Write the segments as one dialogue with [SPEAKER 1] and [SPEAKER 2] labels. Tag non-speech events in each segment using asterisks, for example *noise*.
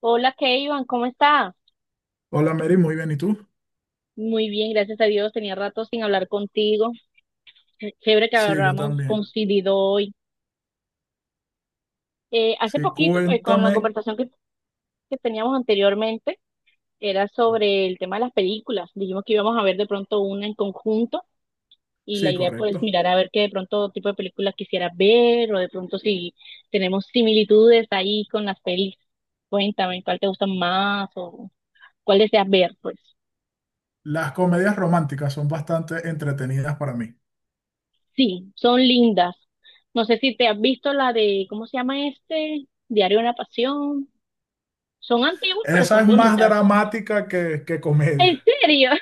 [SPEAKER 1] Hola, Keivan, ¿cómo está?
[SPEAKER 2] Hola Mary, muy bien. ¿Y tú?
[SPEAKER 1] Muy bien, gracias a Dios. Tenía rato sin hablar contigo. Qué chévere que
[SPEAKER 2] Sí, yo
[SPEAKER 1] hablamos
[SPEAKER 2] también.
[SPEAKER 1] coincidido hoy. Hace
[SPEAKER 2] Sí,
[SPEAKER 1] poquito, pues con la
[SPEAKER 2] cuéntame.
[SPEAKER 1] conversación que teníamos anteriormente, era sobre el tema de las películas. Dijimos que íbamos a ver de pronto una en conjunto y la
[SPEAKER 2] Sí,
[SPEAKER 1] idea pues
[SPEAKER 2] correcto.
[SPEAKER 1] mirar a ver qué de pronto tipo de películas quisieras ver o de pronto si tenemos similitudes ahí con las pelis. Cuéntame, ¿cuál te gusta más o cuál deseas ver, pues?
[SPEAKER 2] Las comedias románticas son bastante entretenidas para mí.
[SPEAKER 1] Sí, son lindas. No sé si te has visto la de, ¿cómo se llama este? Diario de una Pasión. Son antiguas, pero
[SPEAKER 2] Esa
[SPEAKER 1] son
[SPEAKER 2] es más
[SPEAKER 1] bonitas.
[SPEAKER 2] dramática que
[SPEAKER 1] ¿En
[SPEAKER 2] comedia.
[SPEAKER 1] serio? *laughs*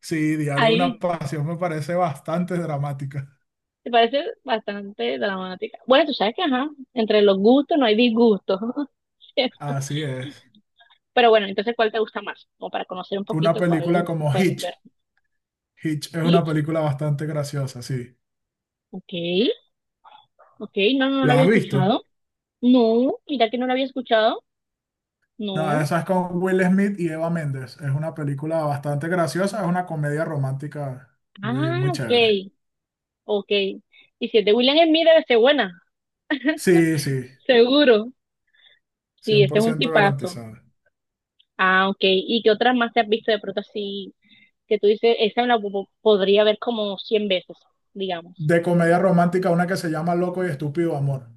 [SPEAKER 2] Sí, Diario de una
[SPEAKER 1] Ahí,
[SPEAKER 2] Pasión me parece bastante dramática.
[SPEAKER 1] te parece bastante dramática. Bueno, tú sabes que, ajá, entre los gustos no hay disgustos. *laughs*
[SPEAKER 2] Así es.
[SPEAKER 1] Pero bueno, entonces, ¿cuál te gusta más? Como para conocer un
[SPEAKER 2] Una
[SPEAKER 1] poquito
[SPEAKER 2] película
[SPEAKER 1] cuál
[SPEAKER 2] como
[SPEAKER 1] podemos ver.
[SPEAKER 2] Hitch. Hitch es una
[SPEAKER 1] Hitch,
[SPEAKER 2] película bastante graciosa, sí.
[SPEAKER 1] ok, ok, no, no, no lo
[SPEAKER 2] ¿La
[SPEAKER 1] había
[SPEAKER 2] has visto?
[SPEAKER 1] escuchado. No, mira que no lo había escuchado.
[SPEAKER 2] No,
[SPEAKER 1] No.
[SPEAKER 2] esa es con Will Smith y Eva Méndez. Es una película bastante graciosa, es una comedia romántica muy,
[SPEAKER 1] Ah,
[SPEAKER 2] muy
[SPEAKER 1] ok,
[SPEAKER 2] chévere.
[SPEAKER 1] ok. Y si es de William Smith, debe ser buena.
[SPEAKER 2] Sí, sí.
[SPEAKER 1] Seguro, sí,
[SPEAKER 2] cien
[SPEAKER 1] ese
[SPEAKER 2] por
[SPEAKER 1] es un
[SPEAKER 2] ciento
[SPEAKER 1] tipazo.
[SPEAKER 2] garantizada.
[SPEAKER 1] Ah, ok. ¿Y qué otras más te has visto de pronto así que tú dices, esa me la podría ver como 100 veces, digamos?
[SPEAKER 2] De comedia romántica, una que se llama Loco y Estúpido Amor.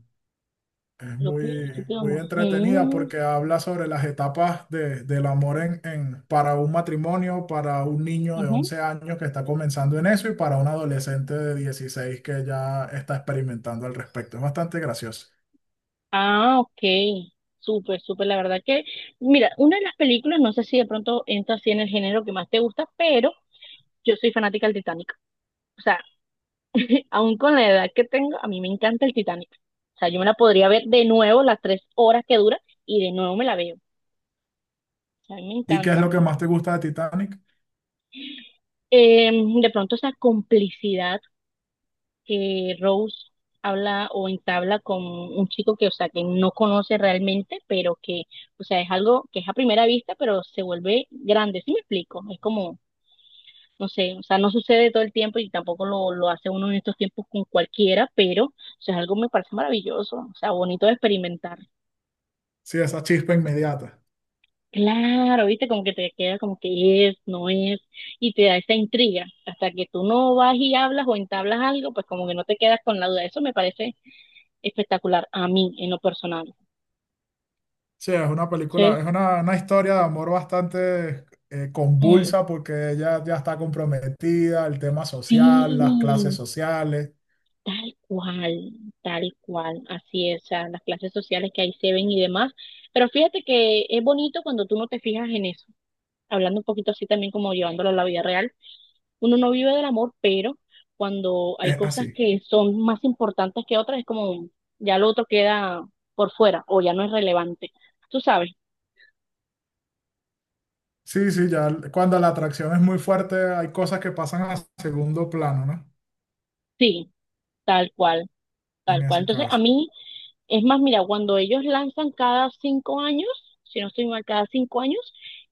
[SPEAKER 2] Es
[SPEAKER 1] Lo que
[SPEAKER 2] muy
[SPEAKER 1] digamos.
[SPEAKER 2] entretenida
[SPEAKER 1] Mm,
[SPEAKER 2] porque habla sobre las etapas del amor para un matrimonio, para un niño de
[SPEAKER 1] ujú.
[SPEAKER 2] 11 años que está comenzando en eso y para un adolescente de 16 que ya está experimentando al respecto. Es bastante gracioso.
[SPEAKER 1] Ah, ok. Súper, súper. La verdad que, mira, una de las películas, no sé si de pronto entra así en el género que más te gusta, pero yo soy fanática del Titanic. O sea, *laughs* aún con la edad que tengo, a mí me encanta el Titanic. O sea, yo me la podría ver de nuevo las 3 horas que dura y de nuevo me la veo. A mí me
[SPEAKER 2] ¿Y qué es
[SPEAKER 1] encanta.
[SPEAKER 2] lo que más te gusta de Titanic?
[SPEAKER 1] Eh, de pronto esa complicidad que Rose habla o entabla con un chico que, o sea, que no conoce realmente, pero que, o sea, es algo que es a primera vista, pero se vuelve grande, ¿sí me explico? Es como, no sé, o sea, no sucede todo el tiempo y tampoco lo hace uno en estos tiempos con cualquiera, pero, o sea, es algo que me parece maravilloso, o sea, bonito de experimentar.
[SPEAKER 2] Sí, esa chispa inmediata.
[SPEAKER 1] Claro, viste, como que te queda como que es, no es, y te da esa intriga. Hasta que tú no vas y hablas o entablas algo, pues como que no te quedas con la duda. Eso me parece espectacular a mí, en lo personal.
[SPEAKER 2] Sí, es una película,
[SPEAKER 1] Entonces,
[SPEAKER 2] es una historia de amor bastante
[SPEAKER 1] mm,
[SPEAKER 2] convulsa porque ella ya está comprometida, el tema social, las
[SPEAKER 1] sí,
[SPEAKER 2] clases sociales,
[SPEAKER 1] tal cual, tal cual, así es. O sea, las clases sociales que ahí se ven y demás. Pero fíjate que es bonito cuando tú no te fijas en eso. Hablando un poquito así también como llevándolo a la vida real, uno no vive del amor, pero cuando hay
[SPEAKER 2] es
[SPEAKER 1] cosas
[SPEAKER 2] así.
[SPEAKER 1] que son más importantes que otras, es como ya lo otro queda por fuera o ya no es relevante. Tú sabes,
[SPEAKER 2] Sí, sí, ya cuando la atracción es muy fuerte hay cosas que pasan a segundo plano, ¿no?
[SPEAKER 1] sí, tal cual,
[SPEAKER 2] En
[SPEAKER 1] tal cual.
[SPEAKER 2] ese
[SPEAKER 1] Entonces, a
[SPEAKER 2] caso.
[SPEAKER 1] mí es más, mira, cuando ellos lanzan cada 5 años, si no estoy mal, cada 5 años,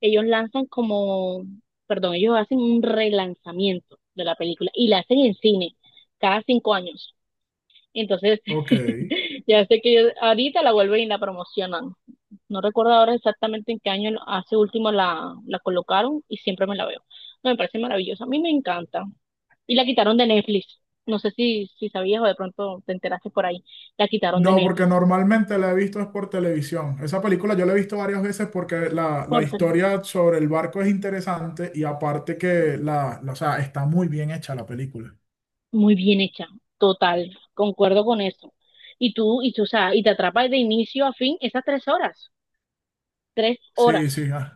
[SPEAKER 1] ellos lanzan como, perdón, ellos hacen un relanzamiento de la película y la hacen en cine cada 5 años. Entonces,
[SPEAKER 2] Ok.
[SPEAKER 1] *laughs* ya sé que ellos ahorita la vuelven y la promocionan. No recuerdo ahora exactamente en qué año hace último la colocaron y siempre me la veo. No, me parece maravillosa. A mí me encanta. Y la quitaron de Netflix. No sé si sabías o de pronto te enteraste por ahí. La quitaron de
[SPEAKER 2] No, porque
[SPEAKER 1] Netflix.
[SPEAKER 2] normalmente la he visto es por televisión. Esa película yo la he visto varias veces porque la
[SPEAKER 1] Portal.
[SPEAKER 2] historia sobre el barco es interesante y aparte que o sea, está muy bien hecha la película.
[SPEAKER 1] Muy bien hecha. Total. Concuerdo con eso. Y tú, o sea, y te atrapas de inicio a fin esas 3 horas. 3 horas.
[SPEAKER 2] Sí, sí, ah.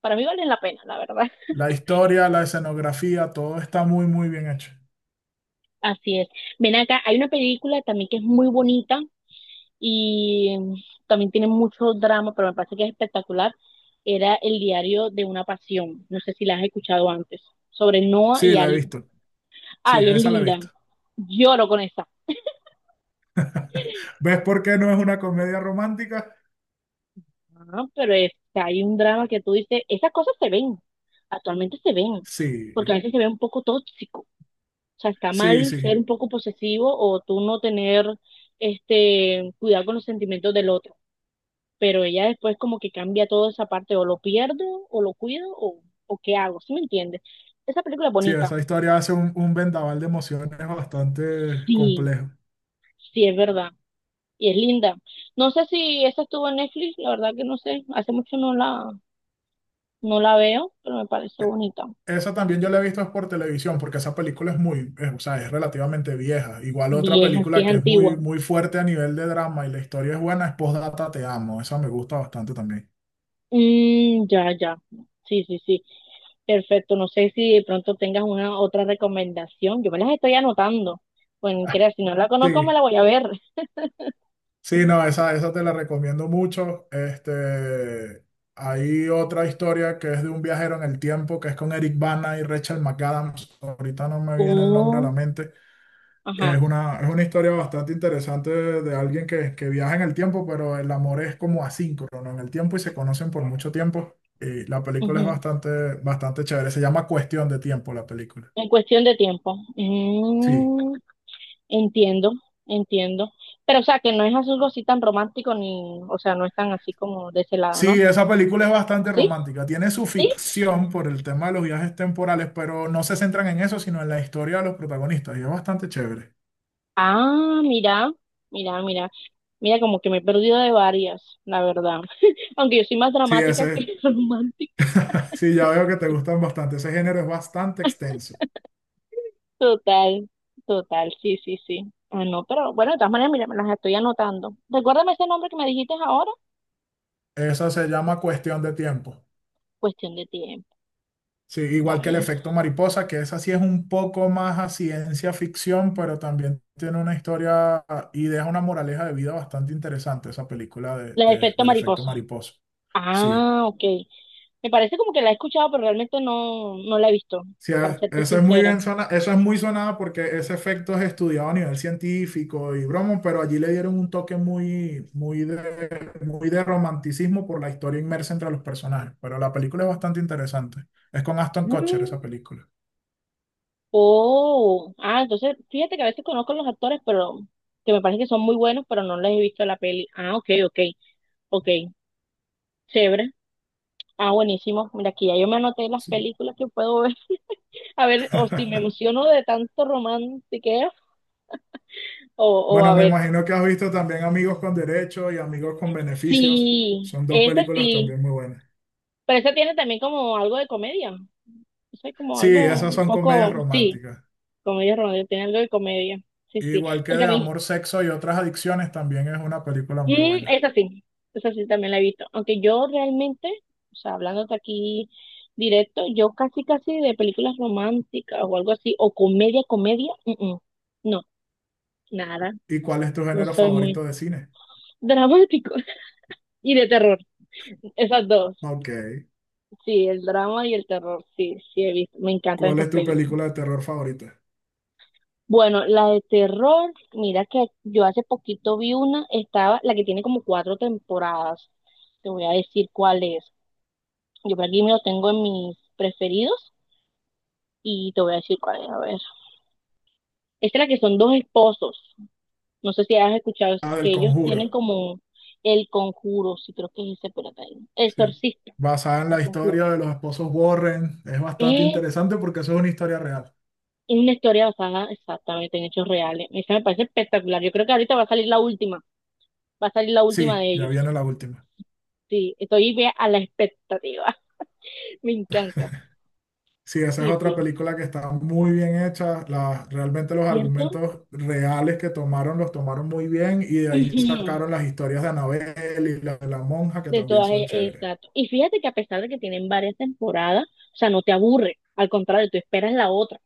[SPEAKER 1] Para mí valen la pena, la verdad. *laughs*
[SPEAKER 2] La historia, la escenografía, todo está muy bien hecho.
[SPEAKER 1] Así es. Ven acá, hay una película también que es muy bonita, y también tiene mucho drama, pero me parece que es espectacular. Era El Diario de una Pasión. No sé si la has escuchado antes. Sobre Noah
[SPEAKER 2] Sí,
[SPEAKER 1] y
[SPEAKER 2] la he
[SPEAKER 1] Ali.
[SPEAKER 2] visto. Sí,
[SPEAKER 1] Ay, es
[SPEAKER 2] esa la he
[SPEAKER 1] linda.
[SPEAKER 2] visto.
[SPEAKER 1] Lloro con esa.
[SPEAKER 2] ¿Ves por qué no es una comedia romántica?
[SPEAKER 1] Ah, pero es que hay un drama que tú dices, esas cosas se ven. Actualmente se ven. Porque a
[SPEAKER 2] Sí,
[SPEAKER 1] veces se ve un poco tóxico. O sea, está
[SPEAKER 2] sí,
[SPEAKER 1] mal ser
[SPEAKER 2] sí.
[SPEAKER 1] un poco posesivo o tú no tener este cuidado con los sentimientos del otro. Pero ella después como que cambia toda esa parte, o lo pierdo, o lo cuido, o qué hago, ¿sí me entiendes? Esa película es
[SPEAKER 2] Sí,
[SPEAKER 1] bonita,
[SPEAKER 2] esa historia hace un vendaval de emociones bastante
[SPEAKER 1] sí,
[SPEAKER 2] complejo.
[SPEAKER 1] sí es verdad, y es linda. No sé si esa estuvo en Netflix, la verdad que no sé, hace mucho no la, no la veo, pero me parece
[SPEAKER 2] E-
[SPEAKER 1] bonita,
[SPEAKER 2] Esa también yo la he visto es por televisión, porque esa película es muy, o sea, es relativamente vieja. Igual otra
[SPEAKER 1] vieja, sí
[SPEAKER 2] película
[SPEAKER 1] es
[SPEAKER 2] que es muy,
[SPEAKER 1] antigua.
[SPEAKER 2] muy fuerte a nivel de drama y la historia es buena es Postdata Te Amo. Esa me gusta bastante también.
[SPEAKER 1] Mm, ya, ya, sí, sí, sí, perfecto, no sé si de pronto tengas una otra recomendación, yo me las estoy anotando, pues
[SPEAKER 2] *laughs*
[SPEAKER 1] creas si no la conozco me
[SPEAKER 2] Sí.
[SPEAKER 1] la voy a ver.
[SPEAKER 2] Sí, no, esa te la recomiendo mucho. Hay otra historia que es de un viajero en el tiempo, que es con Eric Bana y Rachel McAdams. Ahorita no me viene el nombre a la
[SPEAKER 1] Oh,
[SPEAKER 2] mente.
[SPEAKER 1] ajá.
[SPEAKER 2] Es una historia bastante interesante de alguien que viaja en el tiempo, pero el amor es como asíncrono, ¿no? En el tiempo y se conocen por mucho tiempo. Y la película es
[SPEAKER 1] Ujú.
[SPEAKER 2] bastante chévere. Se llama Cuestión de Tiempo, la película.
[SPEAKER 1] En cuestión de tiempo.
[SPEAKER 2] Sí.
[SPEAKER 1] Entiendo, entiendo. Pero, o sea, que no es algo así tan romántico ni, o sea, no es tan así como de ese lado, ¿no?
[SPEAKER 2] Sí, esa película es bastante
[SPEAKER 1] Sí,
[SPEAKER 2] romántica. Tiene su
[SPEAKER 1] sí.
[SPEAKER 2] ficción por el tema de los viajes temporales, pero no se centran en eso, sino en la historia de los protagonistas. Y es bastante chévere.
[SPEAKER 1] Ah, mira, mira, mira. Mira, como que me he perdido de varias, la verdad. Aunque yo soy más
[SPEAKER 2] Sí,
[SPEAKER 1] dramática
[SPEAKER 2] ese,
[SPEAKER 1] que *laughs* romántica.
[SPEAKER 2] *laughs* sí, ya veo que te gustan bastante. Ese género es bastante extenso.
[SPEAKER 1] Total, total, sí, sí, sí. Ah, no, pero bueno, de todas maneras, mira, me las estoy anotando. Recuérdame ese nombre que me dijiste ahora.
[SPEAKER 2] Esa se llama Cuestión de Tiempo.
[SPEAKER 1] Cuestión de tiempo,
[SPEAKER 2] Sí, igual que el
[SPEAKER 1] ¿vale?
[SPEAKER 2] efecto mariposa, que esa sí es un poco más a ciencia ficción, pero también tiene una historia y deja una moraleja de vida bastante interesante, esa película de-
[SPEAKER 1] La de
[SPEAKER 2] de-
[SPEAKER 1] efecto
[SPEAKER 2] del efecto
[SPEAKER 1] mariposa.
[SPEAKER 2] mariposa. Sí.
[SPEAKER 1] Ah, ok. Me parece como que la he escuchado, pero realmente no, no la he visto,
[SPEAKER 2] Sí,
[SPEAKER 1] para serte
[SPEAKER 2] eso es muy
[SPEAKER 1] sincera.
[SPEAKER 2] bien sona, eso es muy sonado porque ese efecto es estudiado a nivel científico y bromo, pero allí le dieron un toque muy de romanticismo por la historia inmersa entre los personajes. Pero la película es bastante interesante. Es con Aston Kutcher
[SPEAKER 1] Mm,
[SPEAKER 2] esa película.
[SPEAKER 1] oh, ah, entonces fíjate que a veces conozco a los actores, pero que me parece que son muy buenos, pero no les he visto la peli. Ah, ok, ok, ok, chévere. Ah, buenísimo. Mira, aquí ya yo me anoté las
[SPEAKER 2] Sí.
[SPEAKER 1] películas que puedo ver. *laughs* A ver, o si me
[SPEAKER 2] *laughs*
[SPEAKER 1] emociono de tanto romantiqueo, o,
[SPEAKER 2] Bueno,
[SPEAKER 1] a
[SPEAKER 2] me
[SPEAKER 1] ver,
[SPEAKER 2] imagino que has visto también Amigos con Derecho y Amigos con Beneficios.
[SPEAKER 1] sí,
[SPEAKER 2] Son dos
[SPEAKER 1] ese
[SPEAKER 2] películas
[SPEAKER 1] sí,
[SPEAKER 2] también muy buenas.
[SPEAKER 1] pero ese tiene también como algo de comedia. Eso es como
[SPEAKER 2] Sí,
[SPEAKER 1] algo
[SPEAKER 2] esas
[SPEAKER 1] un
[SPEAKER 2] son comedias
[SPEAKER 1] poco, sí,
[SPEAKER 2] románticas.
[SPEAKER 1] comedia romántica, tiene algo de comedia. Sí, sí.
[SPEAKER 2] Igual que
[SPEAKER 1] Porque a
[SPEAKER 2] de
[SPEAKER 1] mí,
[SPEAKER 2] amor, sexo y otras adicciones, también es una película muy
[SPEAKER 1] mm,
[SPEAKER 2] buena.
[SPEAKER 1] esa sí, esa sí también la he visto. Aunque yo realmente, o sea, hablándote aquí directo, yo casi, casi de películas románticas o algo así, o comedia, comedia, no, nada.
[SPEAKER 2] ¿Y cuál es tu
[SPEAKER 1] No
[SPEAKER 2] género
[SPEAKER 1] soy muy
[SPEAKER 2] favorito de cine?
[SPEAKER 1] dramático. *laughs* Y de terror, esas dos.
[SPEAKER 2] Ok.
[SPEAKER 1] Sí, el drama y el terror, sí, sí he visto. Me encantan
[SPEAKER 2] ¿Cuál
[SPEAKER 1] esas
[SPEAKER 2] es tu
[SPEAKER 1] pelis.
[SPEAKER 2] película de terror favorita?
[SPEAKER 1] Bueno, la de terror, mira que yo hace poquito vi una, estaba, la que tiene como cuatro temporadas. Te voy a decir cuál es. Yo por aquí me lo tengo en mis preferidos y te voy a decir cuál es. A ver. Esta es la que son dos esposos. No sé si has escuchado es
[SPEAKER 2] Ah, del
[SPEAKER 1] que ellos tienen
[SPEAKER 2] Conjuro.
[SPEAKER 1] como El Conjuro, sí creo que es ese, pero el
[SPEAKER 2] Sí.
[SPEAKER 1] exorcista,
[SPEAKER 2] Basada en la
[SPEAKER 1] El Conjuro.
[SPEAKER 2] historia de los esposos Warren. Es bastante
[SPEAKER 1] Es
[SPEAKER 2] interesante porque eso es una historia real.
[SPEAKER 1] una historia basada exactamente en hechos reales. Esa me parece espectacular. Yo creo que ahorita va a salir la última, va a salir la última
[SPEAKER 2] Sí,
[SPEAKER 1] de
[SPEAKER 2] ya
[SPEAKER 1] ellos.
[SPEAKER 2] viene la última.
[SPEAKER 1] Sí, estoy bien a la expectativa. *laughs* Me encanta.
[SPEAKER 2] Sí, esa es
[SPEAKER 1] Sí,
[SPEAKER 2] otra
[SPEAKER 1] sí.
[SPEAKER 2] película que está muy bien hecha. Realmente los
[SPEAKER 1] ¿Cierto?
[SPEAKER 2] argumentos reales que tomaron los tomaron muy bien y de ahí
[SPEAKER 1] Ujú.
[SPEAKER 2] sacaron las historias de Annabelle y la de la monja que
[SPEAKER 1] De
[SPEAKER 2] también
[SPEAKER 1] todas,
[SPEAKER 2] son chéveres.
[SPEAKER 1] exacto. Y fíjate que a pesar de que tienen varias temporadas, o sea, no te aburre. Al contrario, tú esperas la otra.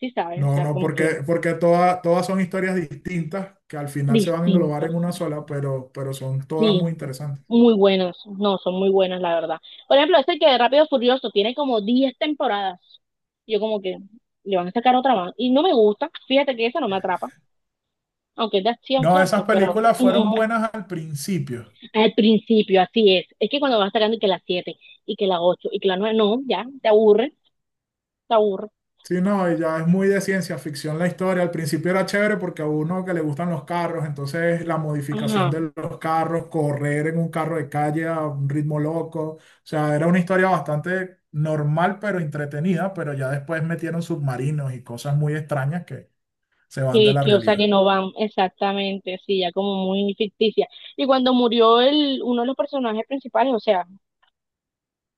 [SPEAKER 1] Sí, sabes, o
[SPEAKER 2] No,
[SPEAKER 1] sea,
[SPEAKER 2] no,
[SPEAKER 1] como que
[SPEAKER 2] porque, porque todas son historias distintas que al final se van a englobar en
[SPEAKER 1] distintos.
[SPEAKER 2] una sola, pero son todas
[SPEAKER 1] Sí,
[SPEAKER 2] muy interesantes.
[SPEAKER 1] muy buenas. No, son muy buenas, la verdad. Por ejemplo, este que de Rápido y Furioso tiene como 10 temporadas. Yo como que le van a sacar otra más. Y no me gusta. Fíjate que esa no me atrapa. Aunque es de acción,
[SPEAKER 2] No, esas
[SPEAKER 1] ¿cierto? Pero...
[SPEAKER 2] películas fueron
[SPEAKER 1] mm,
[SPEAKER 2] buenas al principio.
[SPEAKER 1] Al principio, así es. Es que cuando vas sacando y que las 7 y que las 8 y que las 9 no, ya, te aburre, te aburre.
[SPEAKER 2] Sí, no, y ya es muy de ciencia ficción la historia. Al principio era chévere porque a uno que le gustan los carros, entonces la modificación
[SPEAKER 1] Ajá,
[SPEAKER 2] de los carros, correr en un carro de calle a un ritmo loco. O sea, era una historia bastante normal, pero entretenida, pero ya después metieron submarinos y cosas muy extrañas que se van de
[SPEAKER 1] que,
[SPEAKER 2] la
[SPEAKER 1] que, o sea, que
[SPEAKER 2] realidad.
[SPEAKER 1] no van exactamente, sí, ya como muy ficticia. Y cuando murió uno de los personajes principales, o sea,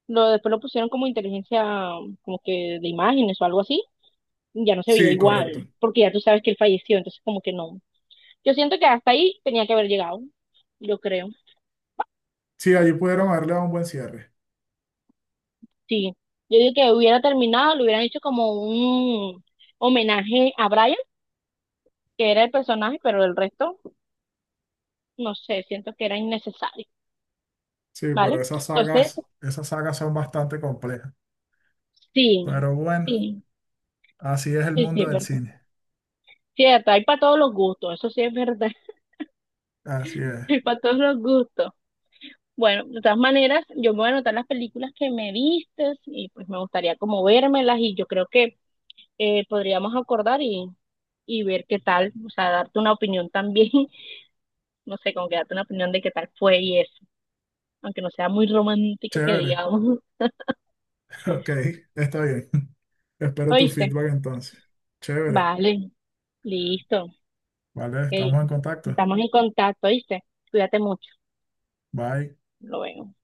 [SPEAKER 1] después lo pusieron como inteligencia, como que de imágenes o algo así, ya no se veía
[SPEAKER 2] Sí, correcto.
[SPEAKER 1] igual, porque ya tú sabes que él falleció, entonces como que no. Yo siento que hasta ahí tenía que haber llegado, yo creo.
[SPEAKER 2] Sí, allí pudieron haberle dado un buen cierre.
[SPEAKER 1] Sí, yo digo que hubiera terminado, le hubieran hecho como un homenaje a Brian, que era el personaje, pero el resto, no sé, siento que era innecesario,
[SPEAKER 2] Sí, pero
[SPEAKER 1] ¿vale? Entonces,
[SPEAKER 2] esas sagas son bastante complejas.
[SPEAKER 1] sí,
[SPEAKER 2] Pero bueno,
[SPEAKER 1] sí,
[SPEAKER 2] así es el
[SPEAKER 1] sí, sí,
[SPEAKER 2] mundo
[SPEAKER 1] es
[SPEAKER 2] del
[SPEAKER 1] verdad.
[SPEAKER 2] cine.
[SPEAKER 1] Cierto, hay para todos los gustos, eso sí es verdad,
[SPEAKER 2] Así
[SPEAKER 1] *laughs*
[SPEAKER 2] es.
[SPEAKER 1] hay para todos los gustos. Bueno, de todas maneras, yo me voy a anotar las películas que me vistes y pues me gustaría como vérmelas y yo creo que podríamos acordar y ver qué tal, o sea, darte una opinión también. No sé, como que darte una opinión de qué tal fue y eso, aunque no sea muy romántica que
[SPEAKER 2] Chévere.
[SPEAKER 1] digamos.
[SPEAKER 2] *laughs* Ok, está bien. *laughs*
[SPEAKER 1] *laughs*
[SPEAKER 2] Espero tu
[SPEAKER 1] ¿Oíste?
[SPEAKER 2] feedback entonces. Chévere.
[SPEAKER 1] Vale, listo.
[SPEAKER 2] Vale,
[SPEAKER 1] Ok.
[SPEAKER 2] estamos en contacto.
[SPEAKER 1] Estamos en contacto, ¿oíste? Cuídate mucho.
[SPEAKER 2] Bye.
[SPEAKER 1] Lo veo.